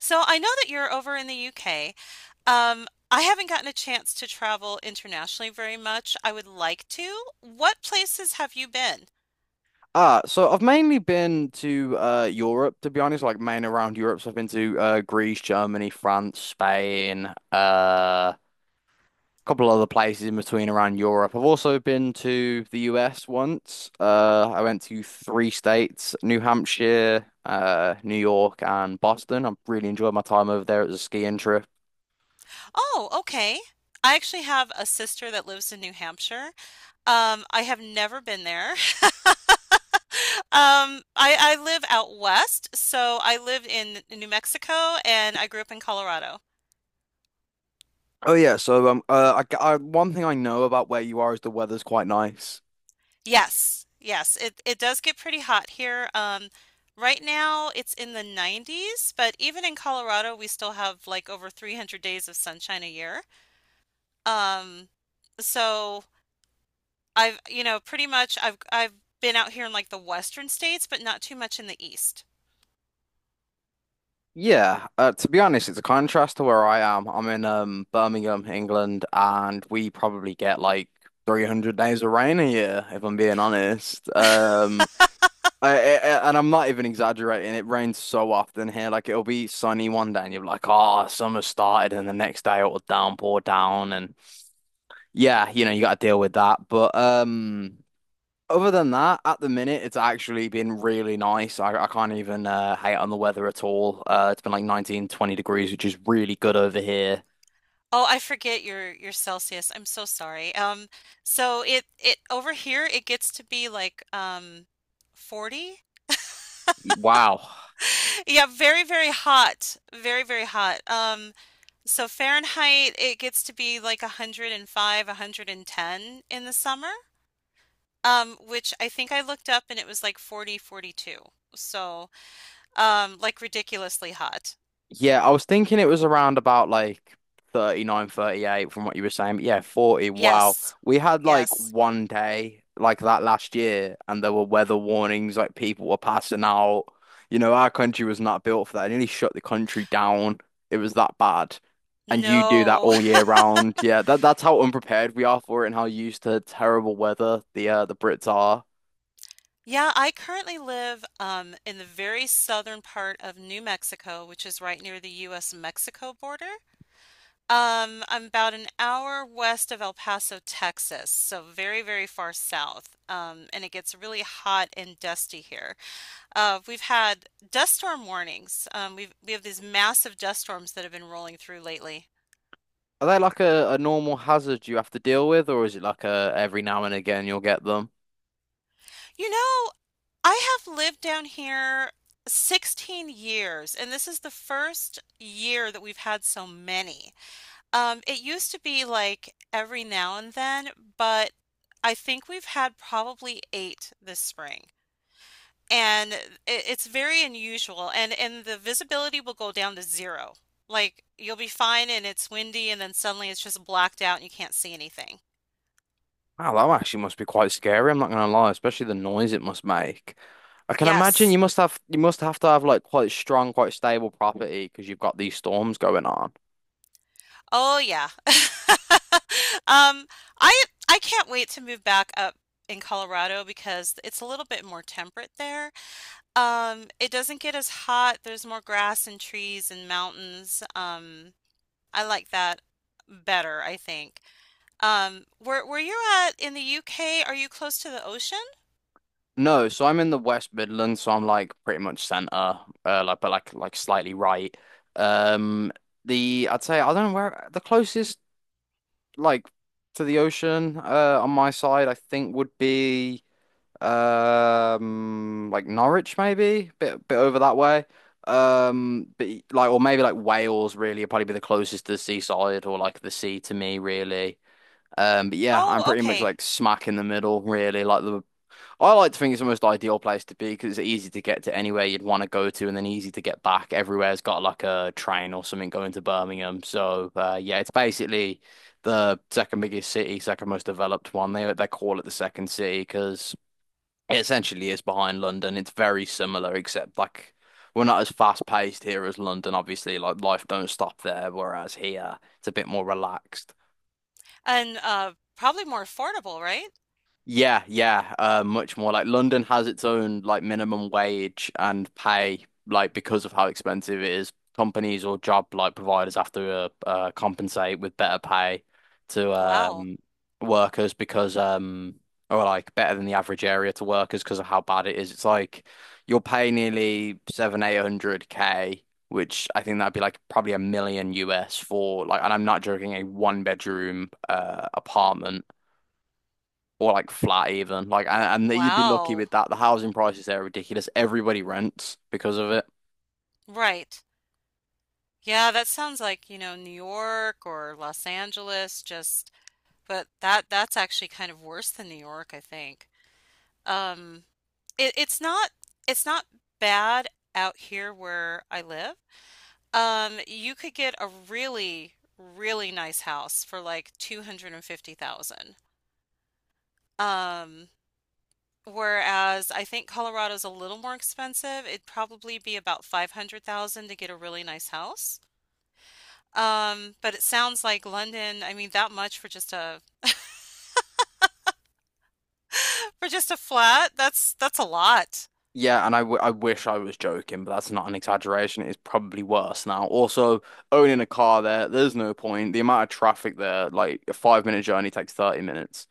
So I know that you're over in the UK. I haven't gotten a chance to travel internationally very much. I would like to. What places have you been? Ah, so I've mainly been to Europe to be honest, like main around Europe. So I've been to Greece, Germany, France, Spain, uh a couple other places in between around Europe. I've also been to the US once. I went to three states, New Hampshire, New York and Boston. I really enjoyed my time over there. It was a skiing trip. Oh, okay. I actually have a sister that lives in New Hampshire. I have never been there. I live out west, so I lived in New Mexico and I grew up in Colorado. Oh yeah, so one thing I know about where you are is the weather's quite nice. Yes, yes, it does get pretty hot here. Right now it's in the 90s, but even in Colorado we still have like over 300 days of sunshine a year. Um, so I've, you know, pretty much I've been out here in like the western states, but not too much in the east. Yeah, to be honest, it's a contrast to where I am. I'm in Birmingham, England, and we probably get like 300 days of rain a year, if I'm being honest. And I'm not even exaggerating. It rains so often here. Like it'll be sunny one day, and you're like, "Oh, summer started," and the next day it'll downpour down, and yeah, you got to deal with that. But. Other than that, at the minute, it's actually been really nice. I can't even hate on the weather at all. It's been like 19, 20 degrees, which is really good over here. Oh, I forget your Celsius. I'm so sorry. So it it over here it gets to be like 40. Wow. Yeah, very, very hot. Very, very hot. So Fahrenheit, it gets to be like 105, 110 in the summer, which I think I looked up and it was like 40, 42. So like ridiculously hot. Yeah, I was thinking it was around about like 39, 38, from what you were saying. But yeah, 40. Wow. Yes. We had like Yes. one day like that last year, and there were weather warnings, like people were passing out. You know, our country was not built for that. It nearly shut the country down. It was that bad. And you do that No. all year round. Yeah, that's how unprepared we are for it and how used to terrible weather the Brits are. Yeah, I currently live in the very southern part of New Mexico, which is right near the US-Mexico border. I'm about an hour west of El Paso, Texas, so very, very far south. And it gets really hot and dusty here. We've had dust storm warnings. We have these massive dust storms that have been rolling through lately. Are they like a normal hazard you have to deal with, or is it like a every now and again you'll get them? You know, I have lived down here 16 years, and this is the first year that we've had so many. It used to be like every now and then, but I think we've had probably eight this spring. And it's very unusual and the visibility will go down to zero. Like you'll be fine and it's windy and then suddenly it's just blacked out and you can't see anything. Wow, that actually must be quite scary. I'm not gonna lie, especially the noise it must make. I can imagine Yes. You must have to have like quite strong, quite stable property because you've got these storms going on. Oh yeah. Um, I can't wait to move back up in Colorado because it's a little bit more temperate there. It doesn't get as hot. There's more grass and trees and mountains. I like that better, I think. Where you're at in the UK, are you close to the ocean? No, so I'm in the West Midlands, so I'm like pretty much centre, like but like slightly right. Um, the I'd say I don't know where the closest like to the ocean, on my side I think would be. Like Norwich maybe, bit over that way. But like, or maybe like Wales really would probably be the closest to the seaside or like the sea to me really. But yeah, I'm Oh, pretty much okay. like smack in the middle really. Like the I like to think it's the most ideal place to be because it's easy to get to anywhere you'd want to go to and then easy to get back. Everywhere's got like a train or something going to Birmingham. So yeah, it's basically the second biggest city, second most developed one. They call it the second city because. It essentially is behind London. It's very similar, except like we're not as fast paced here as London, obviously. Like life don't stop there, whereas here it's a bit more relaxed. And probably more affordable, right? Yeah, yeah, much more. Like London has its own like minimum wage and pay, like because of how expensive it is. Companies or job like providers have to compensate with better pay to Wow. Workers because or like better than the average area to workers because of how bad it is. It's like you'll pay nearly seven, 800 K, which I think that'd be like probably a million US for like, and I'm not joking, a one bedroom apartment or like flat even. Like, and you'd be lucky Wow. with that. The housing prices there are ridiculous. Everybody rents because of it. Right. Yeah, that sounds like, you know, New York or Los Angeles, just but that that's actually kind of worse than New York, I think. Um it, it's not it's not bad out here where I live. You could get a really really nice house for like 250,000. Um, Whereas I think Colorado's a little more expensive. It'd probably be about 500,000 to get a really nice house. But it sounds like London, I mean that much for just a flat, that's a lot. Yeah, and I wish I was joking, but that's not an exaggeration. It's probably worse now. Also, owning a car there, there's no point. The amount of traffic there, like a 5 minute journey takes 30 minutes.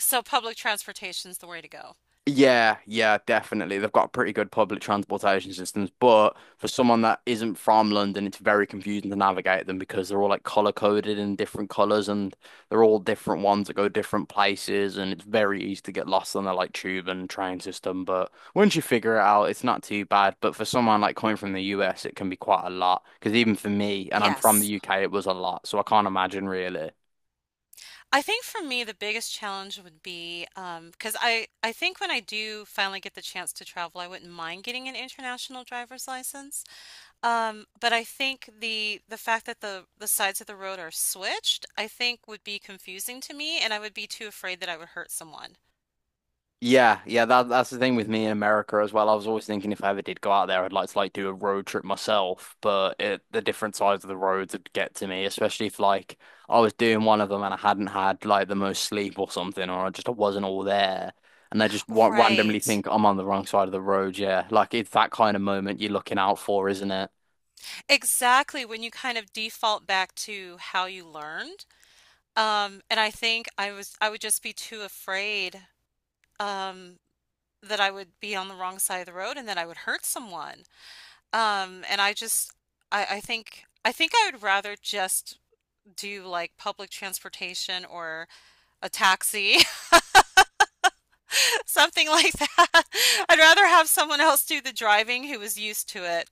So public transportation's the way to go. Yeah, yeah, definitely. They've got pretty good public transportation systems, but for someone that isn't from London, it's very confusing to navigate them because they're all like color coded in different colors and they're all different ones that go different places and it's very easy to get lost on the like tube and train system, but once you figure it out, it's not too bad. But for someone like coming from the US, it can be quite a lot because even for me, and I'm from the Yes. UK, it was a lot, so I can't imagine really. I think for me the biggest challenge would be, cause I think when I do finally get the chance to travel, I wouldn't mind getting an international driver's license. But I think the fact that the sides of the road are switched, I think would be confusing to me, and I would be too afraid that I would hurt someone. Yeah, yeah, that's the thing with me in America as well. I was always thinking if I ever did go out there, I'd like to like do a road trip myself, but it, the different sides of the roads would get to me, especially if like I was doing one of them and I hadn't had like the most sleep or something, or I just wasn't all there, and I just wa randomly Right. think I'm on the wrong side of the road. Yeah, like it's that kind of moment you're looking out for, isn't it? Exactly. When you kind of default back to how you learned. And I think I would just be too afraid um that I would be on the wrong side of the road and that I would hurt someone. And I just I think I would rather just do like public transportation or a taxi, something like that. I'd rather have someone else do the driving who is used to it.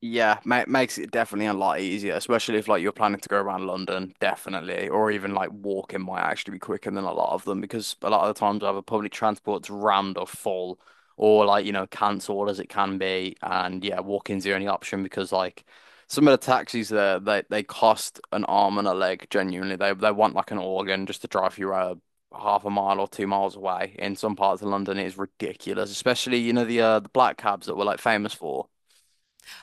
Yeah, ma makes it definitely a lot easier, especially if like you're planning to go around London, definitely, or even like walking might actually be quicker than a lot of them because a lot of the times either public transport's rammed or full, or like cancelled as it can be, and yeah, walking's the only option because like some of the taxis there they cost an arm and a leg genuinely. They want like an organ just to drive you half a mile or 2 miles away. In some parts of London, it is ridiculous, especially the black cabs that we're like famous for.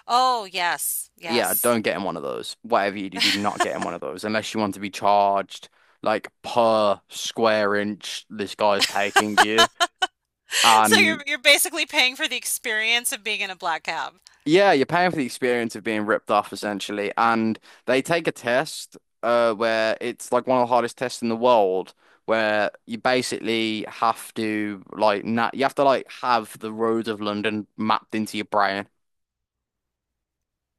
Oh, yes, Yeah, yes. don't get in one of those. Whatever you do, do not get in one of those unless you want to be charged like per square inch this guy's taking you. So you're And you're basically paying for the experience of being in a black cab. yeah, you're paying for the experience of being ripped off essentially. And they take a test where it's like one of the hardest tests in the world where you basically have to like na you have to like have the roads of London mapped into your brain.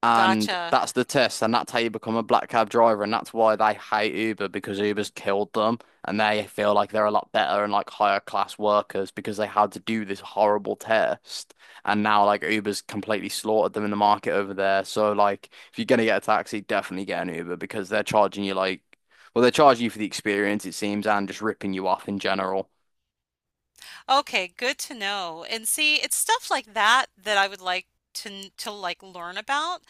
And Gotcha. that's the test, and that's how you become a black cab driver, and that's why they hate Uber because Uber's killed them, and they feel like they're a lot better and like higher class workers because they had to do this horrible test, and now like Uber's completely slaughtered them in the market over there. So like, if you're gonna get a taxi, definitely get an Uber because they're charging you like, well, they're charging you for the experience, it seems, and just ripping you off in general. Okay, good to know. And see, it's stuff like that that I would like to to like learn about.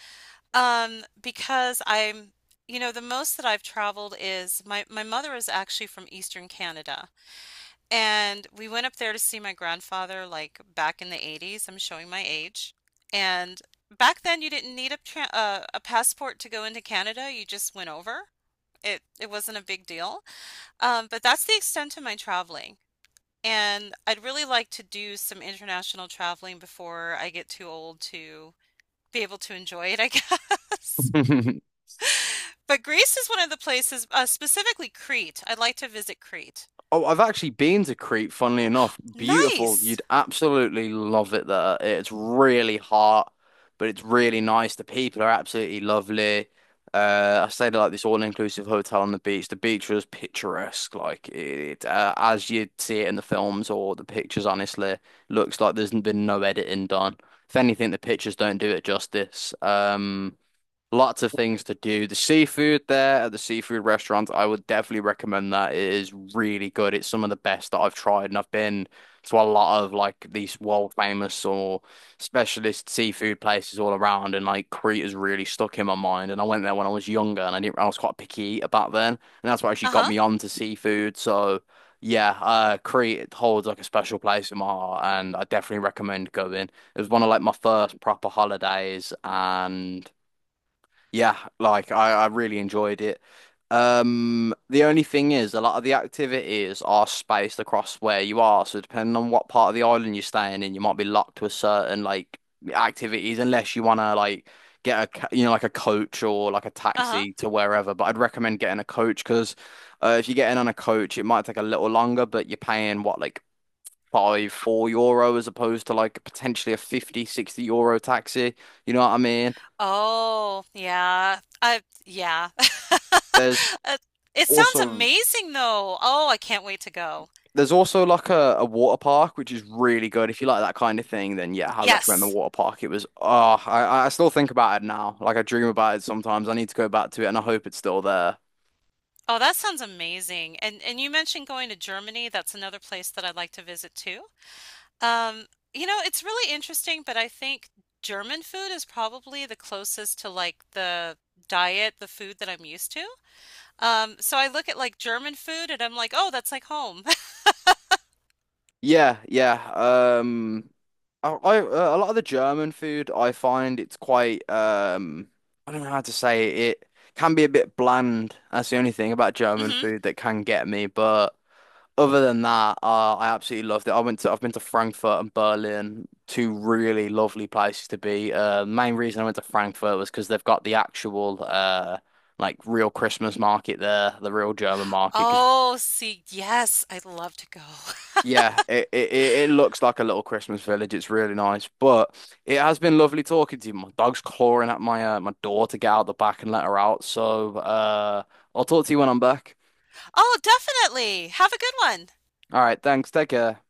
Because I'm, you know, the most that I've traveled is my mother is actually from Eastern Canada. And we went up there to see my grandfather, like back in the 80s. I'm showing my age. And back then, you didn't need a a passport to go into Canada. You just went over. It wasn't a big deal. But that's the extent of my traveling. And I'd really like to do some international traveling before I get too old to be able to enjoy it, I guess. But Greece is one of the places, specifically Crete. I'd like to visit Crete. Oh, I've actually been to Crete, funnily enough. Beautiful. Nice. You'd absolutely love it there. It's really hot, but it's really nice. The people are absolutely lovely. I stayed at like this all-inclusive hotel on the beach. The beach was picturesque, like it as you'd see it in the films or the pictures. Honestly, looks like there's been no editing done. If anything, the pictures don't do it justice. Lots of things to do. The seafood there at the seafood restaurant, I would definitely recommend that. It is really good. It's some of the best that I've tried, and I've been to a lot of like these world famous or specialist seafood places all around, and like Crete has really stuck in my mind. And I went there when I was younger, and I didn't, I was quite a picky eater back then, and that's what actually got Uh-huh. me onto seafood. So yeah, Crete it holds like a special place in my heart, and I definitely recommend going. It was one of like my first proper holidays, and. Yeah, like I really enjoyed it. The only thing is, a lot of the activities are spaced across where you are. So depending on what part of the island you're staying in, you might be locked to a certain like activities unless you want to like get a like a coach or like a Uh-huh. taxi to wherever. But I'd recommend getting a coach because if you get in on a coach, it might take a little longer, but you're paying what like five, €4 as opposed to like potentially a 50, €60 taxi. You know what I mean? Oh, yeah. I yeah. There's Uh, It sounds also amazing though. Oh, I can't wait to go. There's also like a water park, which is really good. If you like that kind of thing, then yeah, I recommend the Yes. water park. It was, oh, I still think about it now. Like I dream about it sometimes. I need to go back to it and I hope it's still there. Oh, that sounds amazing. And you mentioned going to Germany. That's another place that I'd like to visit too. Um, you know, it's really interesting, but I think German food is probably the closest to like the diet, the food that I'm used to. So I look at like German food and I'm like, "Oh, that's like home." Yeah, yeah. I a lot of the German food, I find it's quite, I don't know how to say it. It can be a bit bland. That's the only thing about German Hmm. food that can get me. But other than that, I absolutely loved it. I've been to Frankfurt and Berlin, two really lovely places to be. Main reason I went to Frankfurt was because they've got the actual like real Christmas market there, the real German market. Because Oh, see, yes, I'd love to go. yeah, it looks like a little Christmas village. It's really nice, but it has been lovely talking to you. My dog's clawing at my door to get out the back and let her out. So I'll talk to you when I'm back. Oh, definitely. Have a good one. All right, thanks. Take care.